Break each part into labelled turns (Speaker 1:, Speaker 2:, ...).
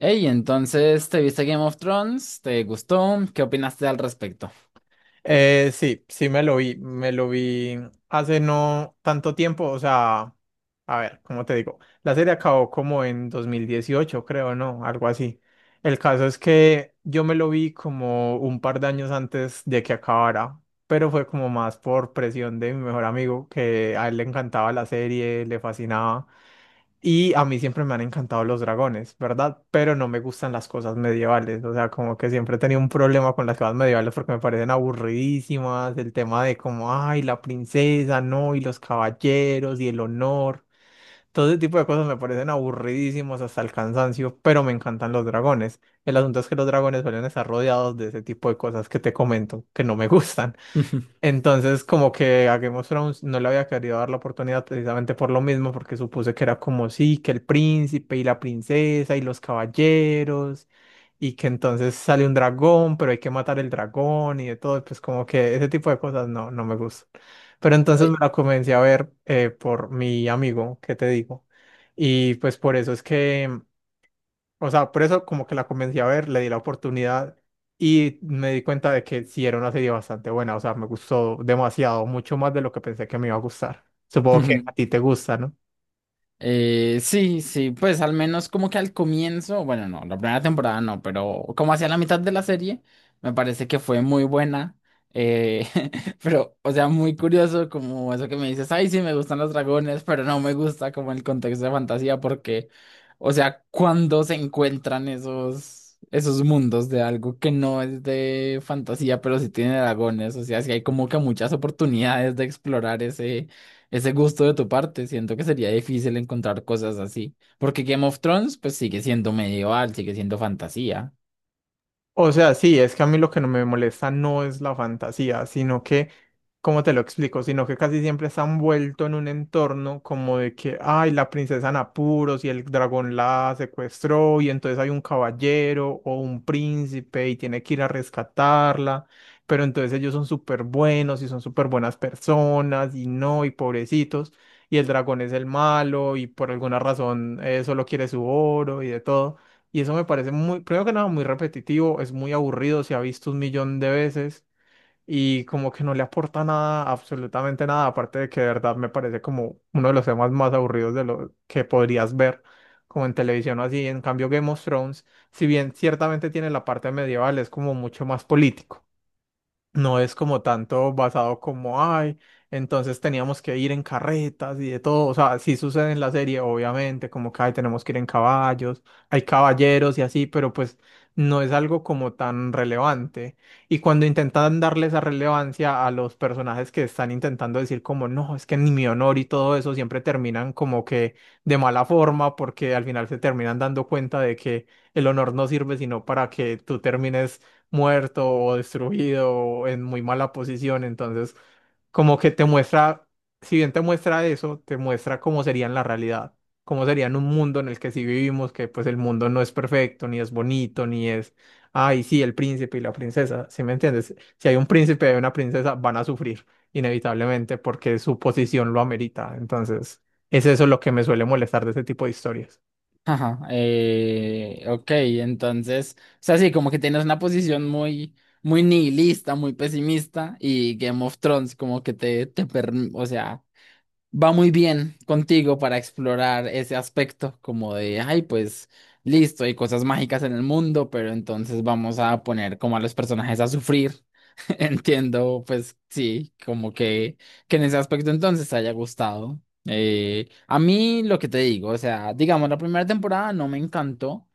Speaker 1: Hey, entonces, ¿te viste Game of Thrones? ¿Te gustó? ¿Qué opinaste al respecto?
Speaker 2: Sí me lo vi hace no tanto tiempo, o sea, a ver, ¿cómo te digo? La serie acabó como en 2018, creo, ¿no? Algo así. El caso es que yo me lo vi como un par de años antes de que acabara, pero fue como más por presión de mi mejor amigo, que a él le encantaba la serie, le fascinaba. Y a mí siempre me han encantado los dragones, ¿verdad? Pero no me gustan las cosas medievales. O sea, como que siempre he tenido un problema con las cosas medievales porque me parecen aburridísimas. El tema de como, ay, la princesa, no, y los caballeros, y el honor. Todo ese tipo de cosas me parecen aburridísimos hasta el cansancio, pero me encantan los dragones. El asunto es que los dragones suelen estar rodeados de ese tipo de cosas que te comento, que no me gustan. Entonces, como que a Game of Thrones no le había querido dar la oportunidad precisamente por lo mismo, porque supuse que era como sí, que el príncipe y la princesa y los caballeros, y que entonces sale un dragón, pero hay que matar el dragón y de todo, y pues como que ese tipo de cosas no, no me gustan. Pero entonces
Speaker 1: Ey,
Speaker 2: me la comencé a ver por mi amigo, ¿qué te digo? Y pues por eso es que o sea, por eso como que la convencí a ver, le di la oportunidad y me di cuenta de que sí era una serie bastante buena, o sea, me gustó demasiado, mucho más de lo que pensé que me iba a gustar. Supongo que a ti te gusta, ¿no?
Speaker 1: Sí, sí, pues al menos como que al comienzo, bueno, no, la primera temporada no, pero como hacia la mitad de la serie, me parece que fue muy buena. eh, pero, o sea, muy curioso como eso que me dices, ay, sí, me gustan los dragones, pero no me gusta como el contexto de fantasía porque, o sea, cuando se encuentran esos mundos de algo que no es de fantasía, pero sí tiene dragones, o sea, sí hay como que muchas oportunidades de explorar ese gusto de tu parte. Siento que sería difícil encontrar cosas así. Porque Game of Thrones, pues sigue siendo medieval, sigue siendo fantasía.
Speaker 2: O sea, sí, es que a mí lo que no me molesta no es la fantasía, sino que, ¿cómo te lo explico? Sino que casi siempre está envuelto en un entorno como de que, ay, la princesa en apuros y el dragón la secuestró y entonces hay un caballero o un príncipe y tiene que ir a rescatarla, pero entonces ellos son súper buenos y son súper buenas personas y no, y pobrecitos, y el dragón es el malo y por alguna razón solo quiere su oro y de todo. Y eso me parece muy, primero que nada, muy repetitivo, es muy aburrido, se ha visto un millón de veces y como que no le aporta nada, absolutamente nada, aparte de que de verdad me parece como uno de los temas más aburridos de lo que podrías ver como en televisión o así. En cambio, Game of Thrones, si bien ciertamente tiene la parte medieval, es como mucho más político. No es como tanto basado como, ay, entonces teníamos que ir en carretas y de todo. O sea, sí sucede en la serie, obviamente, como que, ay, tenemos que ir en caballos, hay caballeros y así, pero pues no es algo como tan relevante. Y cuando intentan darle esa relevancia a los personajes que están intentando decir como, no, es que ni mi honor y todo eso, siempre terminan como que de mala forma, porque al final se terminan dando cuenta de que el honor no sirve sino para que tú termines muerto o destruido o en muy mala posición. Entonces, como que te muestra, si bien te muestra eso, te muestra cómo sería en la realidad, cómo sería en un mundo en el que sí vivimos, que pues el mundo no es perfecto, ni es bonito, ni es, ay, sí, el príncipe y la princesa, ¿sí me entiendes? Si hay un príncipe y una princesa, van a sufrir inevitablemente porque su posición lo amerita. Entonces, es eso lo que me suele molestar de ese tipo de historias.
Speaker 1: Ajá. Ok, entonces, o sea, sí, como que tienes una posición muy, muy nihilista, muy pesimista. Y Game of Thrones, como que o sea, va muy bien contigo para explorar ese aspecto, como de, ay, pues. Listo, hay cosas mágicas en el mundo, pero entonces vamos a poner como a los personajes a sufrir. Entiendo, pues sí, como que en ese aspecto entonces te haya gustado. A mí lo que te digo, o sea, digamos, la primera temporada no me encantó.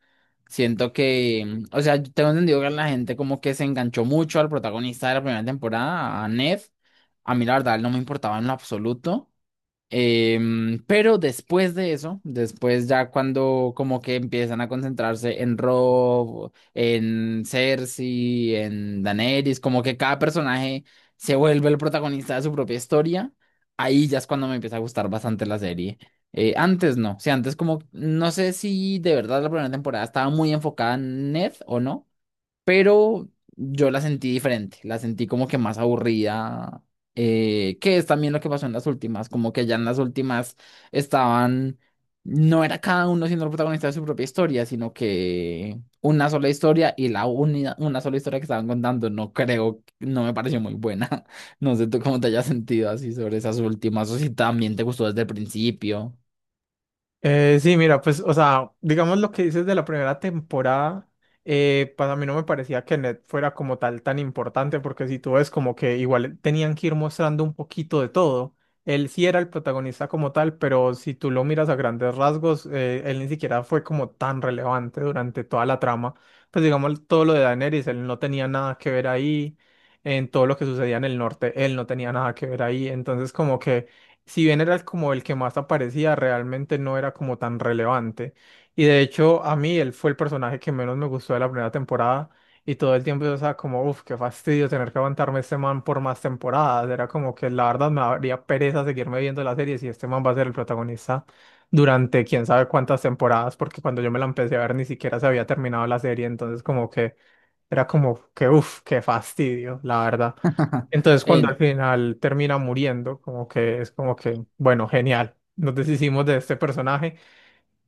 Speaker 1: Siento que, o sea, yo tengo entendido que la gente como que se enganchó mucho al protagonista de la primera temporada, a Nev. A mí la verdad no me importaba en lo absoluto. Pero después de eso, después ya cuando como que empiezan a concentrarse en Rob, en Cersei, en Daenerys, como que cada personaje se vuelve el protagonista de su propia historia, ahí ya es cuando me empieza a gustar bastante la serie. Antes no, o sea, antes como, no sé si de verdad la primera temporada estaba muy enfocada en Ned o no, pero yo la sentí diferente, la sentí como que más aburrida, que es también lo que pasó en las últimas, como que ya en las últimas estaban, no era cada uno siendo el protagonista de su propia historia, sino que una sola historia y la única, una sola historia que estaban contando, no creo, no me pareció muy buena. No sé tú cómo te hayas sentido así sobre esas últimas, o si también te gustó desde el principio.
Speaker 2: Sí, mira, pues, o sea, digamos lo que dices de la primera temporada, pues mí no me parecía que Ned fuera como tal tan importante, porque si tú ves como que igual tenían que ir mostrando un poquito de todo. Él sí era el protagonista como tal, pero si tú lo miras a grandes rasgos, él ni siquiera fue como tan relevante durante toda la trama. Pues digamos todo lo de Daenerys, él no tenía nada que ver ahí, en todo lo que sucedía en el norte, él no tenía nada que ver ahí, entonces como que si bien era como el que más aparecía, realmente no era como tan relevante. Y de hecho, a mí él fue el personaje que menos me gustó de la primera temporada. Y todo el tiempo yo estaba como, uff, qué fastidio tener que aguantarme este man por más temporadas. Era como que la verdad me daría pereza seguirme viendo la serie si este man va a ser el protagonista durante quién sabe cuántas temporadas, porque cuando yo me la empecé a ver ni siquiera se había terminado la serie. Entonces, como que era como que, uff, qué fastidio, la verdad. Entonces, cuando al
Speaker 1: En...
Speaker 2: final termina muriendo, como que es como que, bueno, genial, nos deshicimos de este personaje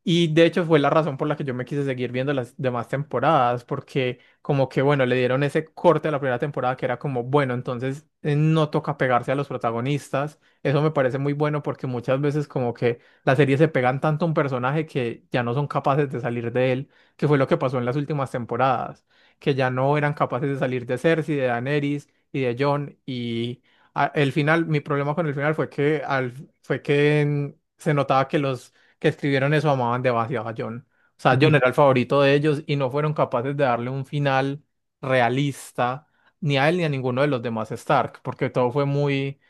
Speaker 2: y de hecho fue la razón por la que yo me quise seguir viendo las demás temporadas, porque como que, bueno, le dieron ese corte a la primera temporada que era como, bueno, entonces no toca pegarse a los protagonistas. Eso me parece muy bueno porque muchas veces como que las series se pegan tanto a un personaje que ya no son capaces de salir de él, que fue lo que pasó en las últimas temporadas, que ya no eran capaces de salir de Cersei, de Daenerys y de Jon y el final, mi problema con el final fue que fue que se notaba que los que escribieron eso amaban demasiado a John. O sea, John era el favorito de ellos y no fueron capaces de darle un final realista ni a él ni a ninguno de los demás Stark, porque todo fue muy,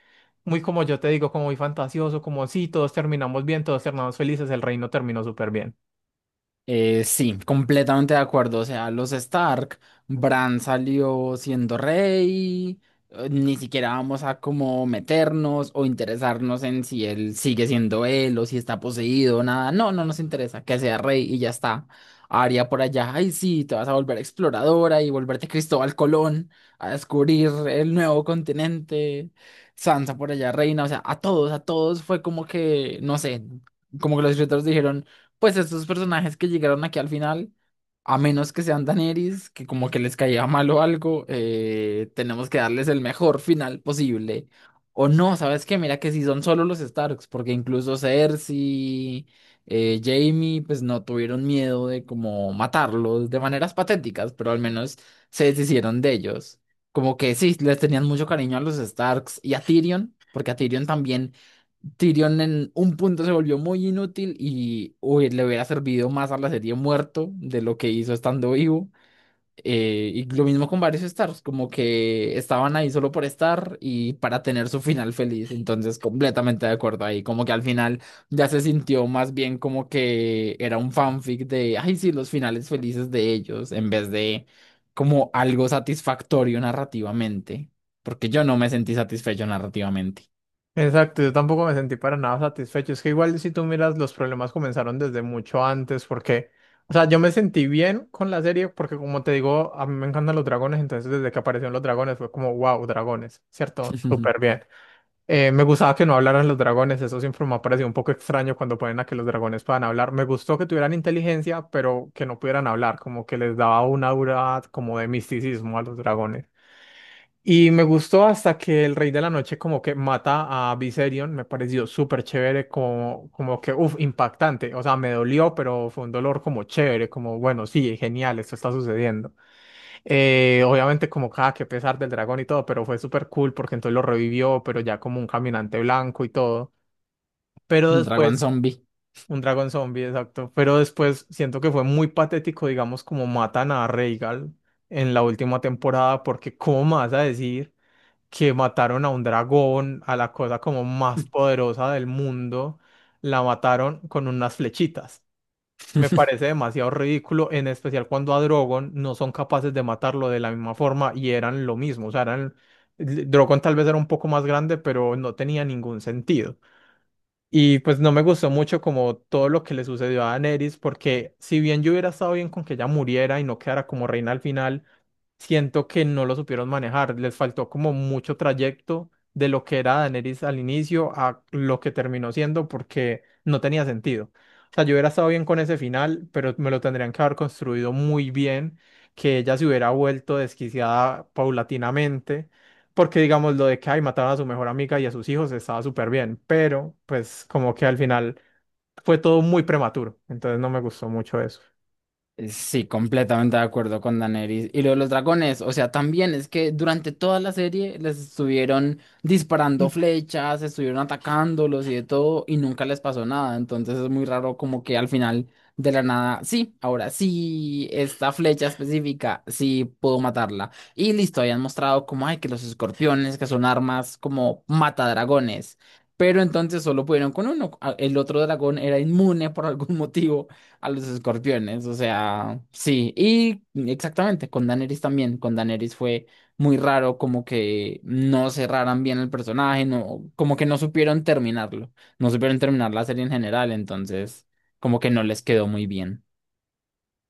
Speaker 2: muy como yo te digo, como muy fantasioso, como sí, todos terminamos bien, todos terminamos felices, el reino terminó súper bien.
Speaker 1: Sí, completamente de acuerdo. O sea, los Stark, Bran salió siendo rey, ni siquiera vamos a como meternos o interesarnos en si él sigue siendo él o si está poseído, nada. No, no nos interesa que sea rey y ya está. Arya por allá, ay sí, te vas a volver exploradora y volverte Cristóbal Colón a descubrir el nuevo continente. Sansa por allá, reina, o sea, a todos fue como que, no sé, como que los escritores dijeron pues estos personajes que llegaron aquí al final, a menos que sean Daenerys, que como que les caía mal o algo, tenemos que darles el mejor final posible. O no, ¿sabes qué? Mira que si son solo los Starks, porque incluso Cersei, Jaime, pues no tuvieron miedo de como matarlos de maneras patéticas, pero al menos se deshicieron de ellos. Como que sí, les tenían mucho cariño a los Starks y a Tyrion, porque a Tyrion también. Tyrion en un punto se volvió muy inútil y uy, le hubiera servido más a la serie muerto de lo que hizo estando vivo. Y lo mismo con varios Stars, como que estaban ahí solo por estar y para tener su final feliz. Entonces, completamente de acuerdo ahí. Como que al final ya se sintió más bien como que era un fanfic de, ay, sí, los finales felices de ellos, en vez de como algo satisfactorio narrativamente. Porque yo no me sentí satisfecho narrativamente.
Speaker 2: Exacto, yo tampoco me sentí para nada satisfecho. Es que igual si tú miras, los problemas comenzaron desde mucho antes, porque, o sea, yo me sentí bien con la serie, porque como te digo, a mí me encantan los dragones, entonces desde que aparecieron los dragones fue como, wow, dragones, ¿cierto? Súper bien. Me gustaba que no hablaran los dragones, eso siempre me ha parecido un poco extraño cuando ponen a que los dragones puedan hablar. Me gustó que tuvieran inteligencia, pero que no pudieran hablar, como que les daba una aura como de misticismo a los dragones. Y me gustó hasta que el Rey de la Noche como que mata a Viserion, me pareció súper chévere, como, como que, uff, impactante, o sea, me dolió, pero fue un dolor como chévere, como, bueno, sí, genial, esto está sucediendo. Obviamente como, cada que pesar del dragón y todo, pero fue súper cool porque entonces lo revivió, pero ya como un caminante blanco y todo. Pero
Speaker 1: Dragon
Speaker 2: después,
Speaker 1: Zombie.
Speaker 2: un dragón zombie, exacto, pero después siento que fue muy patético, digamos, como matan a Rhaegal en la última temporada, porque ¿cómo me vas a decir? Que mataron a un dragón, a la cosa como más poderosa del mundo, la mataron con unas flechitas. Me parece demasiado ridículo, en especial cuando a Drogon no son capaces de matarlo de la misma forma y eran lo mismo. O sea, eran... Drogon tal vez era un poco más grande, pero no tenía ningún sentido. Y pues no me gustó mucho como todo lo que le sucedió a Daenerys, porque si bien yo hubiera estado bien con que ella muriera y no quedara como reina al final, siento que no lo supieron manejar. Les faltó como mucho trayecto de lo que era Daenerys al inicio a lo que terminó siendo porque no tenía sentido. O sea, yo hubiera estado bien con ese final, pero me lo tendrían que haber construido muy bien, que ella se hubiera vuelto desquiciada paulatinamente, porque digamos lo de que ay, mataron a su mejor amiga y a sus hijos estaba súper bien, pero pues como que al final fue todo muy prematuro, entonces no me gustó mucho eso.
Speaker 1: Sí, completamente de acuerdo con Daenerys. Y lo de los dragones, o sea, también es que durante toda la serie les estuvieron disparando flechas, estuvieron atacándolos y de todo, y nunca les pasó nada. Entonces es muy raro como que al final de la nada, sí, ahora sí, esta flecha específica, sí puedo matarla. Y listo, habían mostrado como, ay, que los escorpiones, que son armas como matadragones. Pero entonces solo pudieron con uno. Ah, el otro dragón era inmune por algún motivo. A los escorpiones, o sea, sí, y exactamente, con Daenerys también, con Daenerys fue muy raro como que no cerraran bien el personaje, no, como que no supieron terminarlo, no supieron terminar la serie en general, entonces como que no les quedó muy bien.